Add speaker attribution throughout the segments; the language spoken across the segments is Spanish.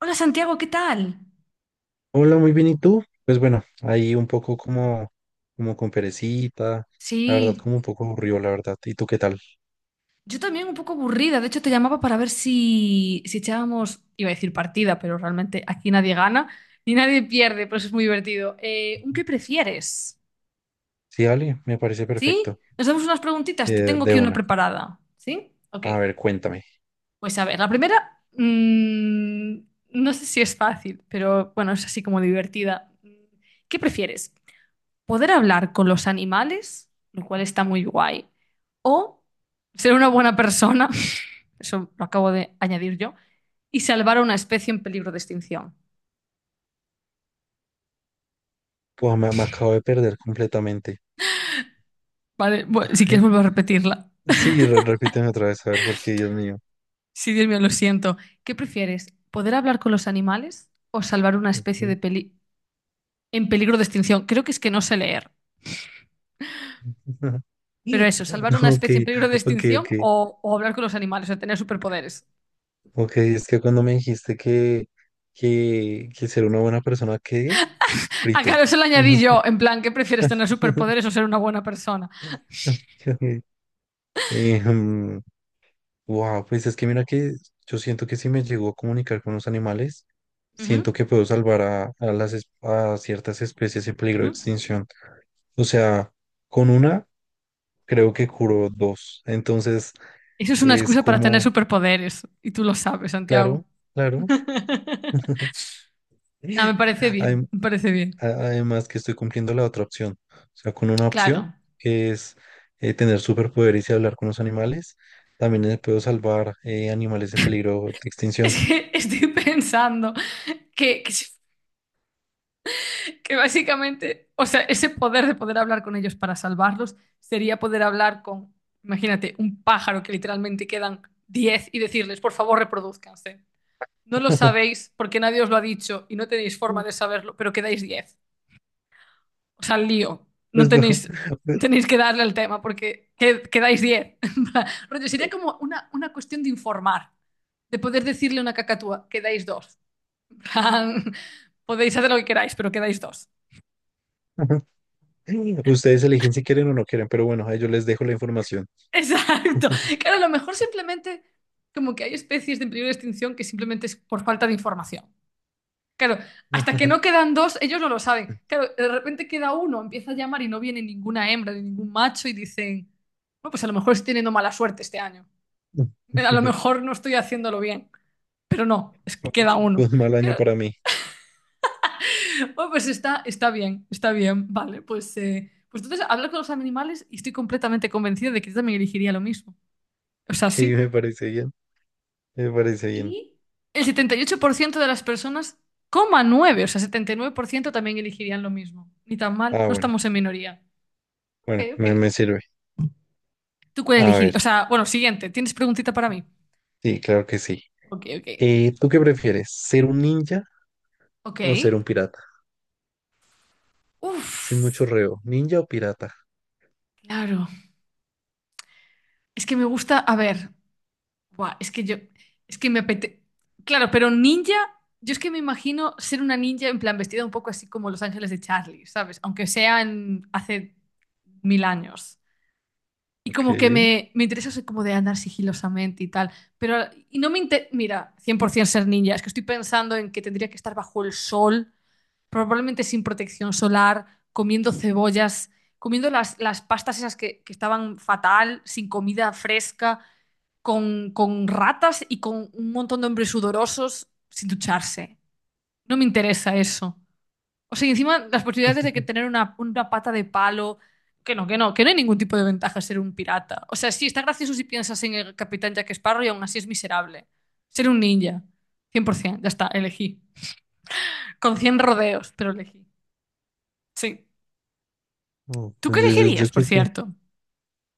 Speaker 1: Hola Santiago, ¿qué tal?
Speaker 2: Hola, muy bien, ¿y tú? Pues bueno, ahí un poco como con perecita, la verdad,
Speaker 1: Sí,
Speaker 2: como un poco aburrido, la verdad. ¿Y tú qué tal?
Speaker 1: yo también un poco aburrida. De hecho, te llamaba para ver si echábamos, iba a decir partida, pero realmente aquí nadie gana ni nadie pierde, por eso es muy divertido. ¿Un qué prefieres?
Speaker 2: Sí, Ale, me parece
Speaker 1: ¿Sí?
Speaker 2: perfecto.
Speaker 1: Nos damos unas preguntitas, te tengo
Speaker 2: De
Speaker 1: aquí una
Speaker 2: una.
Speaker 1: preparada. ¿Sí? Ok.
Speaker 2: A ver, cuéntame.
Speaker 1: Pues a ver, la primera, no sé si es fácil, pero bueno, es así como divertida. ¿Qué prefieres? ¿Poder hablar con los animales, lo cual está muy guay, o ser una buena persona, eso lo acabo de añadir yo, y salvar a una especie en peligro de extinción?
Speaker 2: Pues me acabo de perder completamente.
Speaker 1: Vale,
Speaker 2: A
Speaker 1: si quieres
Speaker 2: ver,
Speaker 1: vuelvo a repetirla.
Speaker 2: sí, repíteme otra vez, a ver, porque Dios mío.
Speaker 1: Sí, Dios mío, lo siento. ¿Qué prefieres? ¿Poder hablar con los animales o salvar una especie
Speaker 2: Ok.
Speaker 1: de en peligro de extinción? Creo que es que no sé leer. Pero eso, salvar una
Speaker 2: Ok,
Speaker 1: especie en peligro de
Speaker 2: ok,
Speaker 1: extinción
Speaker 2: ok.
Speaker 1: o hablar con los animales, o tener superpoderes.
Speaker 2: Ok, es que cuando me dijiste que, que ser una buena persona, ¿qué?
Speaker 1: Ah,
Speaker 2: Frito.
Speaker 1: claro, eso lo añadí yo, en plan, ¿qué prefieres, tener superpoderes o ser una buena persona?
Speaker 2: Wow, pues es que mira que yo siento que si me llego a comunicar con los animales,
Speaker 1: Ujú,
Speaker 2: siento que puedo salvar a ciertas especies en peligro
Speaker 1: ujú.
Speaker 2: de extinción. O sea, con una creo que curo dos. Entonces
Speaker 1: Eso es una
Speaker 2: es
Speaker 1: excusa para tener
Speaker 2: como,
Speaker 1: superpoderes. Y tú lo sabes, Santiago.
Speaker 2: claro, claro.
Speaker 1: No, me parece bien,
Speaker 2: Adem-
Speaker 1: me parece bien.
Speaker 2: Además que estoy cumpliendo la otra opción. O sea, con una opción
Speaker 1: Claro.
Speaker 2: que es tener superpoderes y hablar con los animales, también puedo salvar animales en peligro de
Speaker 1: Es
Speaker 2: extinción.
Speaker 1: que estoy pensando que que básicamente, o sea, ese poder de poder hablar con ellos para salvarlos sería poder hablar con, imagínate, un pájaro que literalmente quedan 10 y decirles, por favor, reproduzcanse. No lo sabéis porque nadie os lo ha dicho y no tenéis forma de saberlo, pero quedáis 10. O sea, lío. No
Speaker 2: Pues,
Speaker 1: tenéis, tenéis que darle al tema porque quedáis 10. Rollo, sería como una cuestión de informar, de poder decirle a una cacatúa, quedáis dos. En plan, podéis hacer lo que queráis, pero quedáis dos.
Speaker 2: ustedes eligen si quieren o no quieren, pero bueno, ahí yo les dejo la información.
Speaker 1: Exacto. Claro, a lo mejor simplemente como que hay especies de peligro de extinción que simplemente es por falta de información. Claro, hasta que no quedan dos, ellos no lo saben. Claro, de repente queda uno, empieza a llamar y no viene ninguna hembra ni ningún macho y dicen, bueno, pues a lo mejor estoy teniendo mala suerte este año. A lo mejor no estoy haciéndolo bien, pero no, es que queda
Speaker 2: Fue
Speaker 1: uno.
Speaker 2: un mal año
Speaker 1: Que-
Speaker 2: para mí.
Speaker 1: Bueno, pues está bien, vale, pues entonces hablar con los animales y estoy completamente convencida de que yo también elegiría lo mismo. O sea,
Speaker 2: Sí,
Speaker 1: sí.
Speaker 2: me parece bien. Me parece bien.
Speaker 1: Y el 78% de las personas, coma nueve, o sea, 79% también elegirían lo mismo. Ni tan mal,
Speaker 2: Ah,
Speaker 1: no
Speaker 2: bueno.
Speaker 1: estamos en minoría. Ok,
Speaker 2: Bueno,
Speaker 1: ok.
Speaker 2: me sirve.
Speaker 1: ¿Tú cuál
Speaker 2: A
Speaker 1: elegirías? O
Speaker 2: ver.
Speaker 1: sea, bueno, siguiente, ¿tienes preguntita para mí?
Speaker 2: Sí, claro que sí.
Speaker 1: Ok, ok.
Speaker 2: ¿Tú qué prefieres? ¿Ser un ninja
Speaker 1: Ok.
Speaker 2: o ser un pirata? Sin
Speaker 1: Uf,
Speaker 2: mucho reo. ¿Ninja o pirata?
Speaker 1: claro. Es que me gusta, a ver. Buah, es que yo, es que me apetece. Claro, pero ninja, yo es que me imagino ser una ninja en plan vestida un poco así como Los Ángeles de Charlie, ¿sabes? Aunque sea hace mil años. Y
Speaker 2: Ok.
Speaker 1: como que me interesa eso como de andar sigilosamente y tal. Pero y no me interesa, mira, 100% ser ninja. Es que estoy pensando en que tendría que estar bajo el sol, probablemente sin protección solar, comiendo cebollas, comiendo las pastas esas que estaban fatal, sin comida fresca con ratas y con un montón de hombres sudorosos sin ducharse. No me interesa eso. O sea, y encima las posibilidades de que tener una pata de palo, que no hay ningún tipo de ventaja ser un pirata. O sea, sí, está gracioso si piensas en el capitán Jack Sparrow y aún así es miserable. Ser un ninja. 100%, ya está, elegí. Con 100 rodeos, pero elegí. Sí.
Speaker 2: Oh,
Speaker 1: ¿Tú
Speaker 2: pues
Speaker 1: qué
Speaker 2: yo, yo- yo
Speaker 1: elegirías, por
Speaker 2: creo que
Speaker 1: cierto?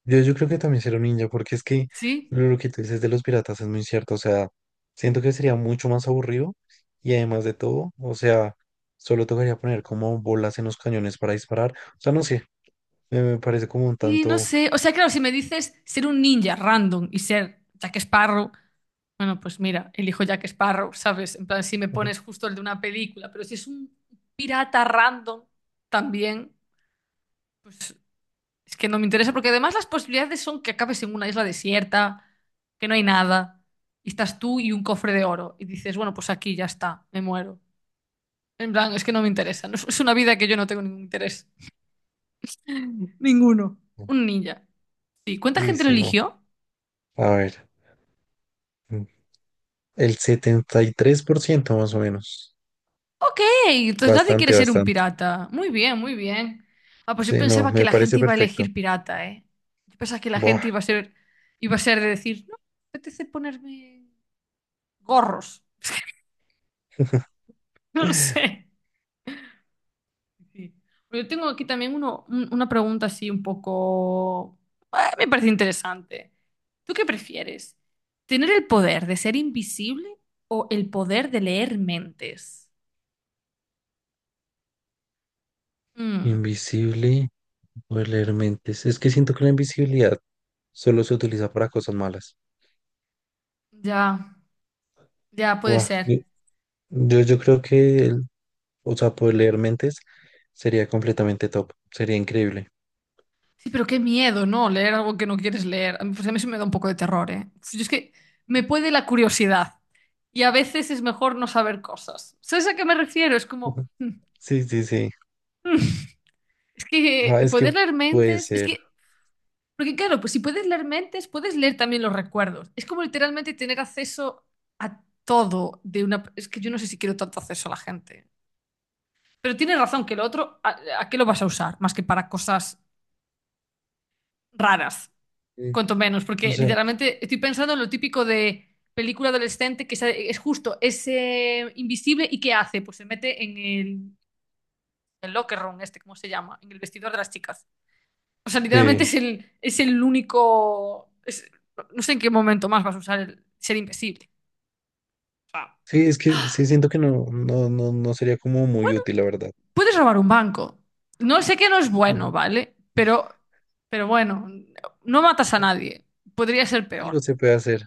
Speaker 2: Yo, yo creo que también será un ninja, porque es que
Speaker 1: Sí.
Speaker 2: lo que tú dices de los piratas es muy cierto. O sea, siento que sería mucho más aburrido y además de todo, o sea, solo tocaría poner como bolas en los cañones para disparar. O sea, no sé, me parece como un
Speaker 1: Y no
Speaker 2: tanto.
Speaker 1: sé, o sea, claro, si me dices ser un ninja random y ser Jack Sparrow, bueno, pues mira, elijo Jack Sparrow, ¿sabes? En plan, si me pones justo el de una película, pero si es un pirata random también, pues es que no me interesa, porque además las posibilidades son que acabes en una isla desierta, que no hay nada, y estás tú y un cofre de oro, y dices, bueno, pues aquí ya está, me muero. En plan, es que no me interesa, no es una vida que yo no tengo ningún interés. Ninguno. Un ninja. Sí, ¿cuánta
Speaker 2: Uy,
Speaker 1: gente lo
Speaker 2: sí, no.
Speaker 1: eligió?
Speaker 2: A ver, mm, el 73% más o menos.
Speaker 1: Ok, entonces nadie quiere
Speaker 2: Bastante,
Speaker 1: ser un
Speaker 2: bastante.
Speaker 1: pirata. Muy bien, muy bien. Ah, pues yo
Speaker 2: Sí, no,
Speaker 1: pensaba que
Speaker 2: me
Speaker 1: la
Speaker 2: parece
Speaker 1: gente iba a
Speaker 2: perfecto.
Speaker 1: elegir pirata, ¿eh? Yo pensaba que la
Speaker 2: Buah.
Speaker 1: gente iba a ser de decir, no, me apetece ponerme gorros. No sé. Sí. Yo tengo aquí también una pregunta así un poco. Ah, me parece interesante. ¿Tú qué prefieres? ¿Tener el poder de ser invisible o el poder de leer mentes? Mm,
Speaker 2: Invisible, leer mentes. Es que siento que la invisibilidad solo se utiliza para cosas malas.
Speaker 1: ya, ya puede
Speaker 2: Guau, Yo,
Speaker 1: ser.
Speaker 2: yo yo creo que, o sea, poder leer mentes sería completamente top, sería increíble.
Speaker 1: Sí, pero qué miedo, ¿no? Leer algo que no quieres leer. Pues a mí eso me da un poco de terror, ¿eh? Pues yo es que me puede la curiosidad y a veces es mejor no saber cosas. ¿Sabes a qué me refiero? Es como,
Speaker 2: Ujú. Sí, sí, sí.
Speaker 1: mm, es que
Speaker 2: Ah, es que
Speaker 1: poder leer
Speaker 2: puede
Speaker 1: mentes,
Speaker 2: ser.
Speaker 1: porque claro, pues si puedes leer mentes, puedes leer también los recuerdos. Es como literalmente tener acceso a todo de una. Es que yo no sé si quiero tanto acceso a la gente. Pero tienes razón que lo otro, ¿a qué lo vas a usar? Más que para cosas raras.
Speaker 2: Sí,
Speaker 1: Cuanto menos,
Speaker 2: o
Speaker 1: porque
Speaker 2: sea,
Speaker 1: literalmente estoy pensando en lo típico de película adolescente que es justo, es invisible y ¿qué hace? Pues se mete en el locker room, este, ¿cómo se llama? En el vestidor de las chicas. O sea, literalmente
Speaker 2: sí.
Speaker 1: es el único. No sé en qué momento más vas a usar el ser invisible.
Speaker 2: Sí, es que sí siento que no, no, no, no sería como muy
Speaker 1: Bueno,
Speaker 2: útil, la verdad.
Speaker 1: puedes robar un banco. No sé que no es bueno,
Speaker 2: Ujú.
Speaker 1: ¿vale? Pero bueno, no matas a nadie. Podría ser peor.
Speaker 2: Algo se puede hacer,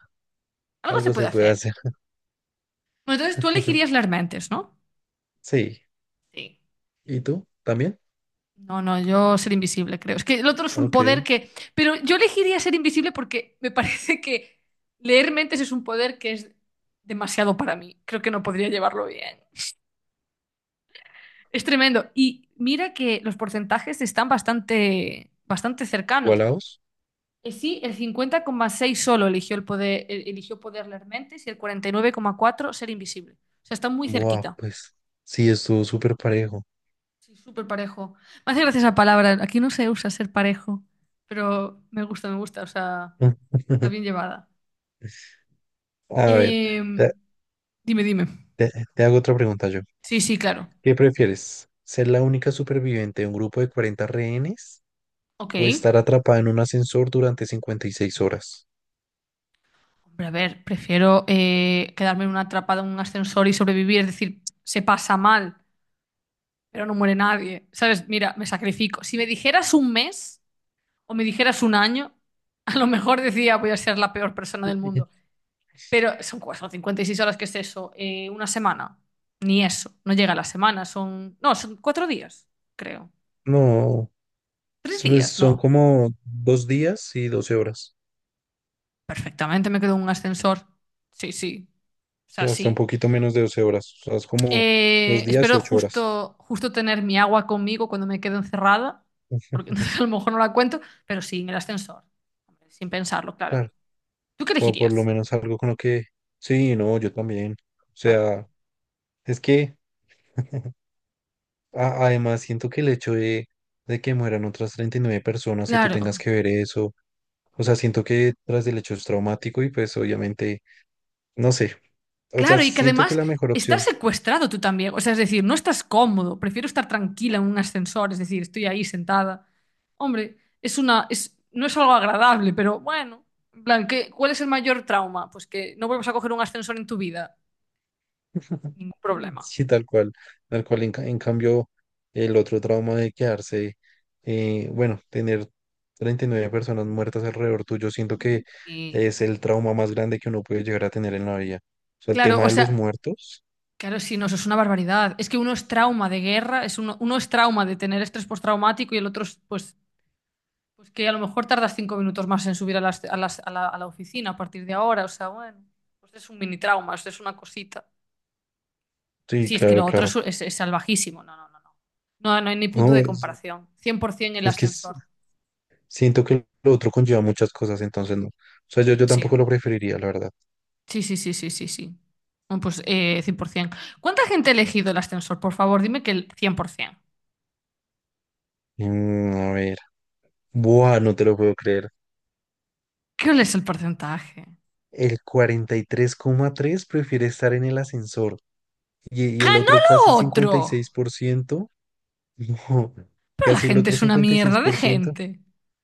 Speaker 1: Algo se
Speaker 2: algo
Speaker 1: puede
Speaker 2: se puede
Speaker 1: hacer.
Speaker 2: hacer.
Speaker 1: Bueno, entonces tú elegirías las mentes, ¿no?
Speaker 2: Sí.
Speaker 1: Sí.
Speaker 2: ¿Y tú? ¿También?
Speaker 1: No, no, yo ser invisible, creo. Es que el otro es un
Speaker 2: Ok.
Speaker 1: poder que. Pero yo elegiría ser invisible porque me parece que leer mentes es un poder que es demasiado para mí. Creo que no podría llevarlo bien. Es tremendo. Y mira que los porcentajes están bastante, bastante cercanos.
Speaker 2: ¿Igualados?
Speaker 1: Sí, el 50,6 solo eligió el poder, eligió poder leer mentes y el 49,4 ser invisible. O sea, está muy
Speaker 2: Buah,
Speaker 1: cerquita.
Speaker 2: pues sí, estuvo súper parejo.
Speaker 1: Sí, súper parejo. Me hace gracia esa palabra. Aquí no se usa ser parejo, pero me gusta, me gusta. O sea. Está bien llevada.
Speaker 2: A ver,
Speaker 1: Eh,
Speaker 2: te,
Speaker 1: dime, dime.
Speaker 2: te hago otra pregunta yo.
Speaker 1: Sí, sí, claro.
Speaker 2: ¿Qué prefieres? ¿Ser la única superviviente de un grupo de 40 rehenes
Speaker 1: Ok.
Speaker 2: o estar atrapada en un ascensor durante 56 horas?
Speaker 1: Hombre, a ver, prefiero quedarme en una atrapada en un ascensor y sobrevivir. Es decir, se pasa mal, pero no muere nadie. ¿Sabes? Mira, me sacrifico. Si me dijeras un mes o me dijeras un año, a lo mejor decía voy a ser la peor persona del mundo. Pero son 56 horas, ¿qué es eso? Una semana. Ni eso. No llega a la semana. Son. No, son 4 días, creo.
Speaker 2: No,
Speaker 1: Tres
Speaker 2: pues
Speaker 1: días,
Speaker 2: son
Speaker 1: no.
Speaker 2: como 2 días y 12 horas.
Speaker 1: Perfectamente me quedo en un ascensor. Sí, sí. O
Speaker 2: Sí,
Speaker 1: sea,
Speaker 2: hasta un
Speaker 1: sí.
Speaker 2: poquito menos de 12 horas. O sea, es como dos
Speaker 1: Eh,
Speaker 2: días y
Speaker 1: espero
Speaker 2: 8 horas.
Speaker 1: justo, justo tener mi agua conmigo cuando me quedo encerrada, porque a lo mejor no la cuento, pero sí, en el ascensor. Hombre, sin pensarlo, claro.
Speaker 2: Claro,
Speaker 1: ¿Tú qué
Speaker 2: o por lo
Speaker 1: elegirías?
Speaker 2: menos algo con lo que... Sí, no, yo también. O
Speaker 1: Claro.
Speaker 2: sea, es que además siento que el hecho de que mueran otras 39 personas y tú tengas
Speaker 1: Claro.
Speaker 2: que ver eso. O sea, siento que tras del hecho es traumático y pues obviamente, no sé, o sea,
Speaker 1: Claro, y que
Speaker 2: siento que
Speaker 1: además
Speaker 2: la mejor
Speaker 1: estás
Speaker 2: opción,
Speaker 1: secuestrado tú también. O sea, es decir, no estás cómodo. Prefiero estar tranquila en un ascensor, es decir, estoy ahí sentada. Hombre, no es algo agradable, pero bueno. En plan, cuál es el mayor trauma? Pues que no vuelvas a coger un ascensor en tu vida. Ningún problema.
Speaker 2: sí, tal cual, en cambio, el otro trauma de quedarse, bueno, tener 39 personas muertas alrededor tuyo, siento que
Speaker 1: Y
Speaker 2: es el trauma más grande que uno puede llegar a tener en la vida. O sea, el
Speaker 1: claro,
Speaker 2: tema
Speaker 1: o
Speaker 2: de
Speaker 1: sea,
Speaker 2: los muertos,
Speaker 1: claro, sí, no, eso es una barbaridad. Es que uno es trauma de guerra, es uno es trauma de tener estrés postraumático y el otro es, pues, pues que a lo mejor tardas 5 minutos más en subir a la oficina a partir de ahora. O sea, bueno, pues es un mini trauma, es una cosita. Sí,
Speaker 2: sí,
Speaker 1: sí, es que
Speaker 2: claro,
Speaker 1: lo otro
Speaker 2: claro.
Speaker 1: es salvajísimo. No, no, no, no. No, no hay ni punto
Speaker 2: No,
Speaker 1: de
Speaker 2: es,
Speaker 1: comparación. 100% el
Speaker 2: es que es-
Speaker 1: ascensor.
Speaker 2: siento que lo otro conlleva muchas cosas, entonces no. O sea, yo
Speaker 1: Sí,
Speaker 2: tampoco lo preferiría, la verdad.
Speaker 1: sí, sí, sí, sí, sí, sí. Bueno, pues 100%. ¿Cuánta gente ha elegido el ascensor? Por favor, dime que el 100%.
Speaker 2: Mm, a ver. Buah, no te lo puedo creer.
Speaker 1: ¿Qué es el porcentaje?
Speaker 2: El 43,3% prefiere estar en el ascensor y el
Speaker 1: ¡Ganó
Speaker 2: otro casi
Speaker 1: lo
Speaker 2: cincuenta y seis
Speaker 1: otro!
Speaker 2: por ciento, no,
Speaker 1: Pero la
Speaker 2: casi el
Speaker 1: gente
Speaker 2: otro
Speaker 1: es una
Speaker 2: cincuenta y seis
Speaker 1: mierda de
Speaker 2: por ciento,
Speaker 1: gente.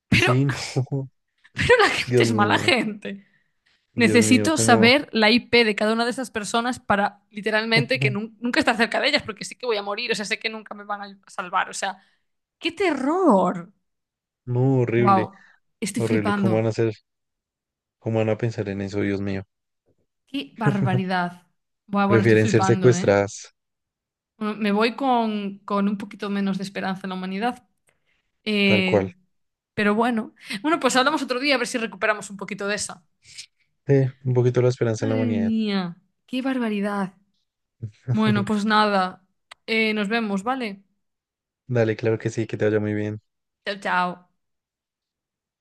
Speaker 1: Pero,
Speaker 2: sí, no,
Speaker 1: pero la gente
Speaker 2: Dios
Speaker 1: es mala
Speaker 2: mío,
Speaker 1: gente.
Speaker 2: Dios mío,
Speaker 1: Necesito
Speaker 2: cómo,
Speaker 1: saber la IP de cada una de esas personas para literalmente que nunca estar cerca de ellas, porque sí que voy a morir, o sea, sé que nunca me van a salvar, o sea, ¡qué terror!
Speaker 2: no, horrible,
Speaker 1: ¡Wow! Estoy
Speaker 2: horrible, cómo van
Speaker 1: flipando.
Speaker 2: a hacer, cómo van a pensar en eso, Dios mío.
Speaker 1: ¡Qué barbaridad! Buah, bueno, estoy
Speaker 2: Prefieren ser
Speaker 1: flipando, ¿eh?
Speaker 2: secuestradas,
Speaker 1: Bueno, me voy con un poquito menos de esperanza en la humanidad.
Speaker 2: tal
Speaker 1: Eh,
Speaker 2: cual.
Speaker 1: pero bueno. Bueno, pues hablamos otro día a ver si recuperamos un poquito de esa.
Speaker 2: Un poquito la esperanza en la
Speaker 1: Madre
Speaker 2: humanidad.
Speaker 1: mía, qué barbaridad. Bueno, pues nada. Nos vemos, ¿vale?
Speaker 2: Dale, claro que sí, que te vaya muy bien.
Speaker 1: Chao, chao.